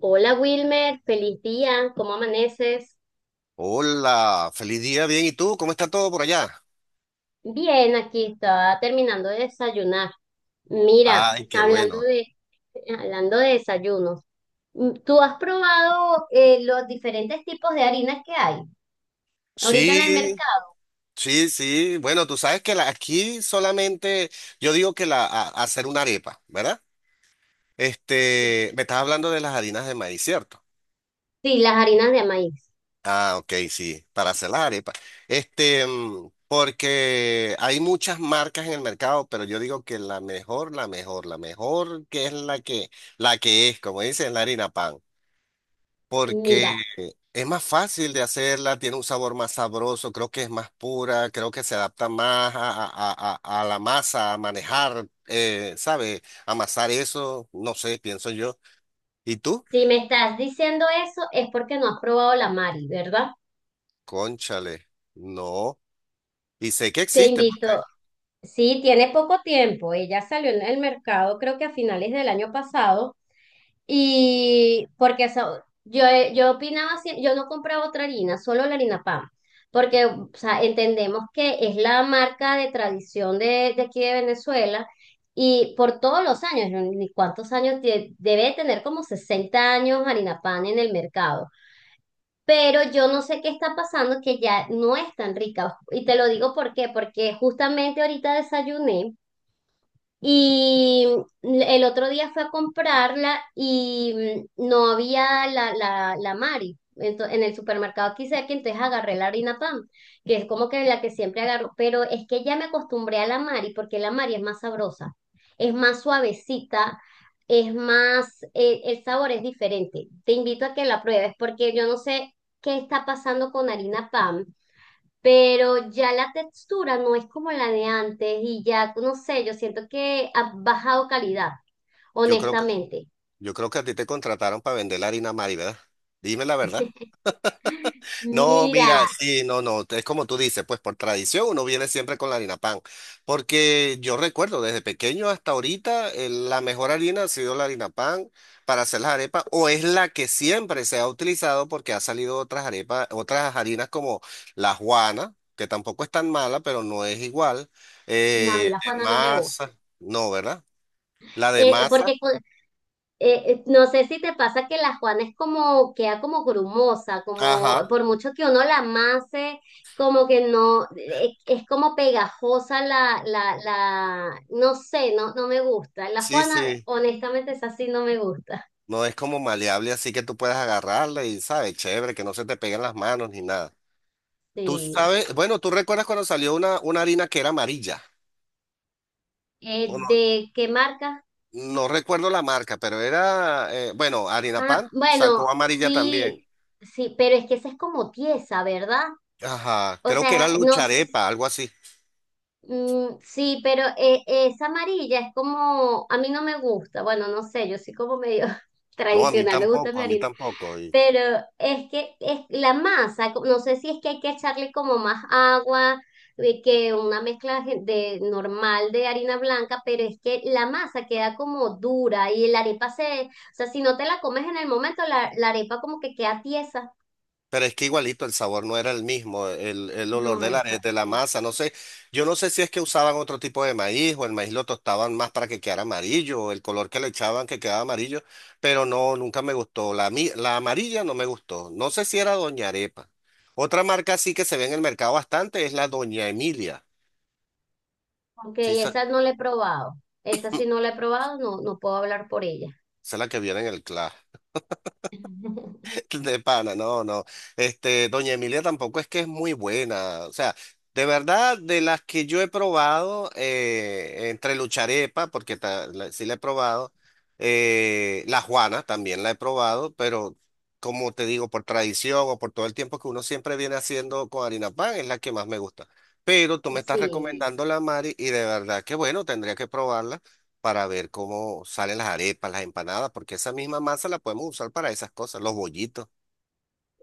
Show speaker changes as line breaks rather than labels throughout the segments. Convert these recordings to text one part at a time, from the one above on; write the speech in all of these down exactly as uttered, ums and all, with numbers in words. Hola Wilmer, feliz día, ¿cómo amaneces?
Hola, feliz día, bien. ¿Y tú? ¿Cómo está todo por allá?
Bien, aquí estaba terminando de desayunar. Mira,
Ay, qué
hablando
bueno.
de, hablando de desayunos, mm, ¿tú has probado eh, los diferentes tipos de harinas que hay ahorita en el
Sí,
mercado?
sí, sí. Bueno, tú sabes que la- aquí solamente, yo digo que la, a- hacer una arepa, ¿verdad? Este, me estás hablando de las harinas de maíz, ¿cierto?
Sí, las harinas de maíz.
Ah, ok, sí, para hacer las arepas. Este, mm, porque hay muchas marcas en el mercado, pero yo digo que la mejor, la mejor, la mejor que es la que, la que es, como dicen, la harina pan.
Mira,
Porque es más fácil de hacerla, tiene un sabor más sabroso, creo que es más pura, creo que se adapta más a, a- a- a- a la masa, a manejar, eh, ¿sabe? Amasar eso, no sé, pienso yo. ¿Y tú?
si me estás diciendo eso es porque no has probado la Mari, ¿verdad?
Cónchale, no. Y sé que
Te
existe, porque
invito. Sí, tiene poco tiempo. Ella salió en el mercado, creo que a finales del año pasado. Y porque eso, yo, yo opinaba, sie- yo no compraba otra harina, solo la harina PAN, porque o sea, entendemos que es la marca de tradición de, de aquí de Venezuela y por todos los años, ¿no? Ni cuántos años, tie- debe tener como sesenta años harina PAN en el mercado. Pero yo no sé qué está pasando que ya no es tan rica. Y te lo digo por qué, porque justamente ahorita desayuné. Y el otro día fue a comprarla y mm, no había la, la, la Mari. Ento- en el supermercado aquí cerca, entonces agarré la harina pan, que es como que la que siempre agarro, pero es que ya me acostumbré a la Mari porque la Mari es más sabrosa, es más suavecita, es más, eh, el sabor es diferente. Te invito a que la pruebes porque yo no sé qué está pasando con harina pan pero ya la textura no es como la de antes y ya, no sé, yo siento que ha bajado calidad,
yo creo que,
honestamente.
yo creo que a ti te contrataron para vender la harina Mari, ¿verdad? Dime la verdad. No, mira,
Mira,
sí, no, no, es como tú dices, pues por tradición uno viene siempre con la harina pan, porque yo recuerdo desde pequeño hasta ahorita eh, la mejor harina ha sido la harina pan para hacer las arepas o es la que siempre se ha utilizado porque ha salido otras arepas, otras harinas como la juana, que tampoco es tan mala, pero no es igual,
no, a mí
eh,
la
de
Juana no me gusta.
masa, no, ¿verdad? La de
Eh,
masa,
porque cu- eh, eh, no sé si te pasa que la Juana es como, queda como grumosa, como
ajá,
por mucho que uno la amase, como que no, eh, es como pegajosa la, la, la, no sé, no, no me gusta. La
sí,
Juana,
sí.
honestamente, es así, no me gusta.
No es como maleable, así que tú puedes agarrarla y, ¿sabes? Chévere, que no se te peguen las manos ni nada. Tú
Sí.
sabes, bueno, tú recuerdas cuando salió una, una harina que era amarilla.
Eh,
O no,
¿de qué marca?
no recuerdo la marca, pero era, eh, bueno, harina
Ah,
pan
bueno,
sacó amarilla
sí,
también.
sí, pero es que esa es como tiesa, ¿verdad?
Ajá,
O
creo que era
sea, no, s-
lucharepa, algo así.
mm, sí, pero eh, esa amarilla es como, a mí no me gusta, bueno, no sé, yo soy como medio
No, a mí
tradicional, me gusta
tampoco, a mí
mi
tampoco. Y.
pero es que es la masa, co- no sé si es que hay que echarle como más agua eh, que una mezcla gen- de normal de harina blanca, pero es que la masa queda como dura y la arepa se, o sea, si no te la comes en el momento, la, la arepa como que queda tiesa.
Pero es que igualito el sabor no era el mismo, el, el olor
No,
de la,
esa
de la
sí.
masa, no sé, yo no sé si es que usaban otro tipo de maíz o el maíz lo tostaban más para que quedara amarillo, o el color que le echaban que quedaba amarillo, pero no, nunca me gustó, la, mi- la amarilla no me gustó, no sé si era Doña Arepa. Otra marca sí que se ve en el mercado bastante es la Doña Emilia,
Ok,
sí, esa,
esa no la he probado. Esa sí no la he probado, no, no puedo hablar por ella.
esa es la que viene en el Clash. De pana, no, no. Este, Doña Emilia tampoco es que es muy buena. O sea, de verdad, de las que yo he probado, eh, entre Lucharepa, porque ta- la- sí la he probado, eh, la Juana también la he probado, pero como te digo, por tradición o por todo el tiempo que uno siempre viene haciendo con harina pan, es la que más me gusta. Pero tú me estás
Sí.
recomendando la Mari y de verdad que bueno, tendría que probarla para ver cómo salen las arepas, las empanadas, porque esa misma masa la podemos usar para esas cosas, los bollitos.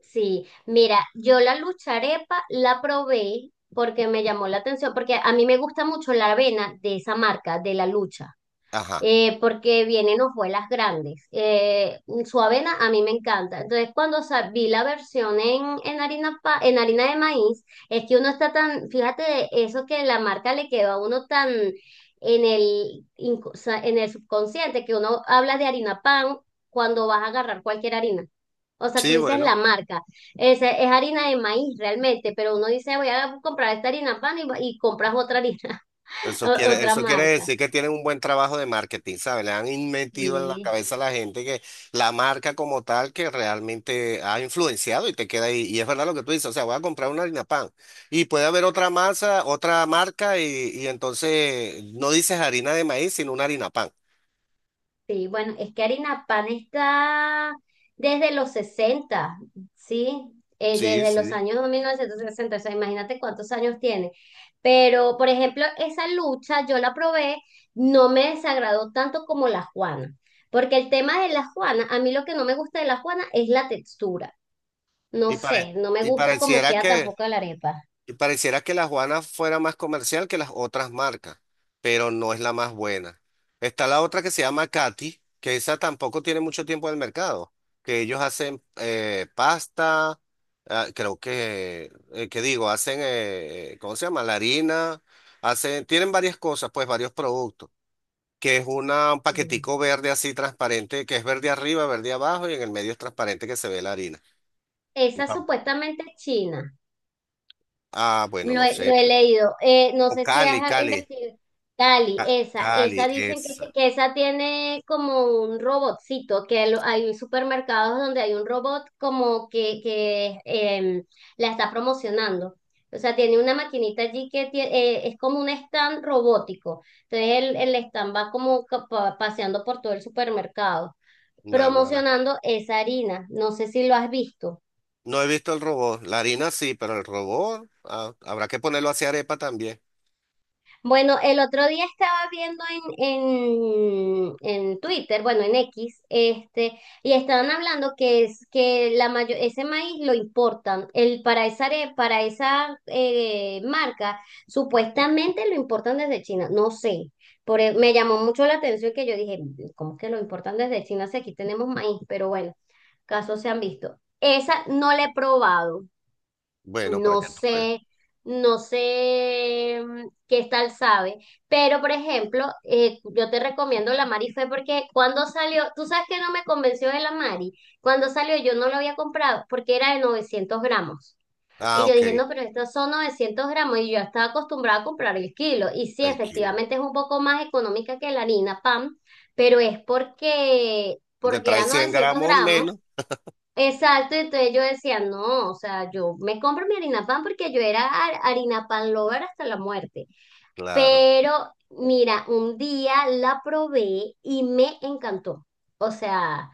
Sí, mira, yo la lucharepa la probé porque me llamó la atención, porque a mí me gusta mucho la avena de esa marca, de la lucha,
Ajá.
eh, porque vienen hojuelas grandes. Eh, su avena a mí me encanta. Entonces, cuando sa- vi la versión en, en harina pa- en harina de maíz, es que uno está tan, fíjate, eso que la marca le quedó a uno tan en el, inco- o en el subconsciente, que uno habla de harina pan cuando vas a agarrar cualquier harina. O sea, tú
Sí,
dices
bueno,
la marca, es, es harina de maíz realmente, pero uno dice voy a comprar esta harina pan y, y compras otra harina,
eso
o-
quiere,
otra
eso quiere
marca.
decir que tienen un buen trabajo de marketing, ¿sabes? Le han in- metido en la
Sí,
cabeza a la gente que la marca como tal que realmente ha influenciado y te queda ahí. Y es verdad lo que tú dices, o sea, voy a comprar una harina pan y puede haber otra masa, otra marca y, y entonces no dices harina de maíz, sino una harina pan.
sí, bueno, es que harina pan está desde los sesenta, ¿sí? Eh,
Sí,
desde los
sí.
años mil novecientos sesenta, o sea, imagínate cuántos años tiene. Pero, por ejemplo, esa lucha yo la probé, no me desagradó tanto como la Juana, porque el tema de la Juana, a mí lo que no me gusta de la Juana es la textura. No
Y, pare-
sé, no me
y
gusta cómo
pareciera
queda
que...
tampoco la arepa.
Y pareciera que la Juana fuera más comercial que las otras marcas, pero no es la más buena. Está la otra que se llama Katy, que esa tampoco tiene mucho tiempo en el mercado, que ellos hacen eh, pasta, ah, creo que, eh, ¿qué digo? Hacen, eh, eh, ¿cómo se llama? La harina, hacen, tienen varias cosas, pues varios productos, que es una, un
Mm.
paquetico verde así transparente, que es verde arriba, verde abajo y en el medio es transparente que se ve la harina.
Esa supuestamente es china.
Ah, bueno,
Lo
no
he, lo
sé.
he leído. Eh, no
O
sé si
Cali,
has
Cali.
investigado. Cali, esa, esa
Cali,
dicen que, se-
esa,
que esa tiene como un robotcito, que lo- hay supermercados donde hay un robot como que, que em, la está promocionando. O sea, tiene una maquinita allí que tie- eh, es como un stand robótico. Entonces el, el stand va como ca- pa- paseando por todo el supermercado,
naguará.
promocionando esa harina. No sé si lo has visto.
No he visto el robot. La harina sí, pero el robot ah, habrá que ponerlo hacia arepa también.
Bueno, el otro día estaba viendo en, en, en Twitter, bueno, en X, este, y estaban hablando que es que la mayo- ese maíz lo importan. El, para esa, are- Para esa eh, marca, supuestamente lo importan desde China. No sé. Por, e- me llamó mucho la atención que yo dije, ¿cómo que lo importan desde China si aquí tenemos maíz? Pero bueno, casos se han visto. Esa no la he probado.
Bueno, para
No
que tú veas.
sé, no sé mm, qué tal sabe, pero por ejemplo, eh, yo te recomiendo la Mari Fe porque cuando salió, tú sabes que no me convenció de la Mari, cuando salió yo no lo había comprado porque era de novecientos gramos. Y
Ah,
yo dije,
ok,
no, pero estos son novecientos gramos y yo estaba acostumbrada a comprar el kilo. Y sí,
el kilo.
efectivamente es un poco más económica que la harina PAN, pero es porque,
Porque
porque
trae
era
cien
novecientos
gramos menos.
gramos Exacto, entonces yo decía, no, o sea, yo me compro mi harina pan porque yo era har- harina pan lover hasta la muerte.
Claro,
Pero mira, un día la probé y me encantó. O sea,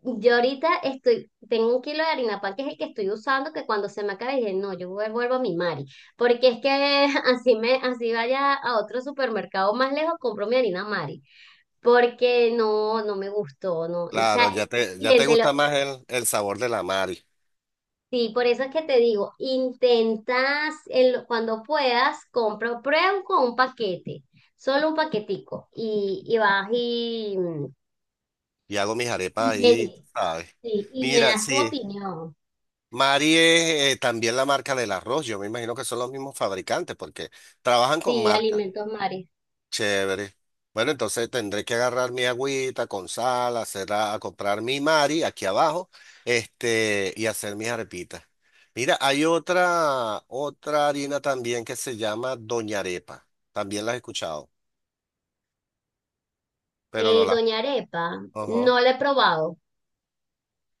yo ahorita estoy, tengo un kilo de harina pan que es el que estoy usando, que cuando se me acabe dije, no, yo vuel- vuelvo a mi Mari, porque es que así me, así vaya a otro supermercado más lejos, compro mi harina Mari, porque no, no me gustó, no, o
claro,
sea,
ya te, ya te
siéntelo.
gusta más el, el sabor de la Mari.
Sí, por eso es que te digo, intentas en lo- cuando puedas, compra, prueba con un paquete, solo un paquetico, y, y vas y,
Y hago mis arepas
y me,
ahí,
di-
¿sabes?
sí, y me
Mira,
das tu
sí,
opinión.
Mari es eh, también la marca del arroz. Yo me imagino que son los mismos fabricantes porque trabajan con
Sí,
marcas.
Alimentos Mares.
Chévere. Bueno, entonces tendré que agarrar mi agüita con sal, hacer a, a comprar mi Mari aquí abajo, este, y hacer mis arepitas. Mira, hay otra, otra harina también que se llama Doña Arepa. También la he escuchado, pero no
Eh,
la.
Doña Arepa,
Ajá.
no la he probado.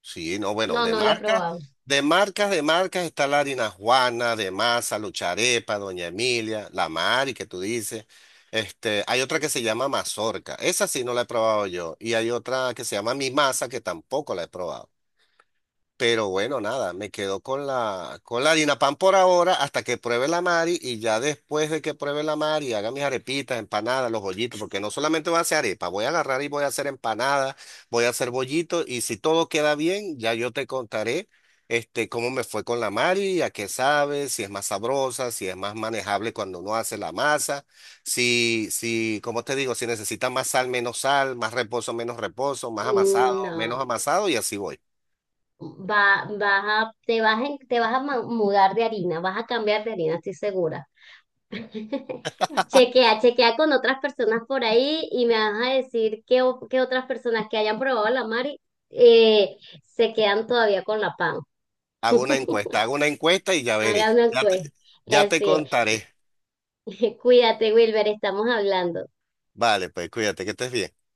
Sí, no, bueno,
No,
de
no la he
marcas,
probado.
de marcas, de marcas está la harina Juana, de masa, Lucharepa, Doña Emilia, la Mari que tú dices. Este, hay otra que se llama mazorca, esa sí no la he probado yo, y hay otra que se llama mi masa que tampoco la he probado. Pero bueno, nada, me quedo con la, con la Pan por ahora hasta que pruebe la Mari y ya después de que pruebe la Mari haga mis arepitas, empanadas, los bollitos, porque no solamente voy a hacer arepa, voy a agarrar y voy a hacer empanadas, voy a hacer bollitos y si todo queda bien, ya yo te contaré este, cómo me fue con la Mari, a qué sabe, si es más sabrosa, si es más manejable cuando uno hace la masa, si, si, como te digo, si necesita más sal, menos sal, más reposo, menos reposo, más amasado,
Mm, no,
menos amasado y así voy.
va, vas a, te vas, en- te vas a ma- mudar de harina, vas a cambiar de harina, estoy segura. Chequea, chequea con otras personas por ahí y me vas a decir que, otras personas que hayan probado la Mari eh, se quedan todavía con la pan.
Hago una encuesta, hago una encuesta y ya veré.
Hagan una
Ya
encuesta.
te, ya te
Así es.
contaré.
Cuídate, Wilber, estamos hablando.
Vale, pues cuídate, que estés bien.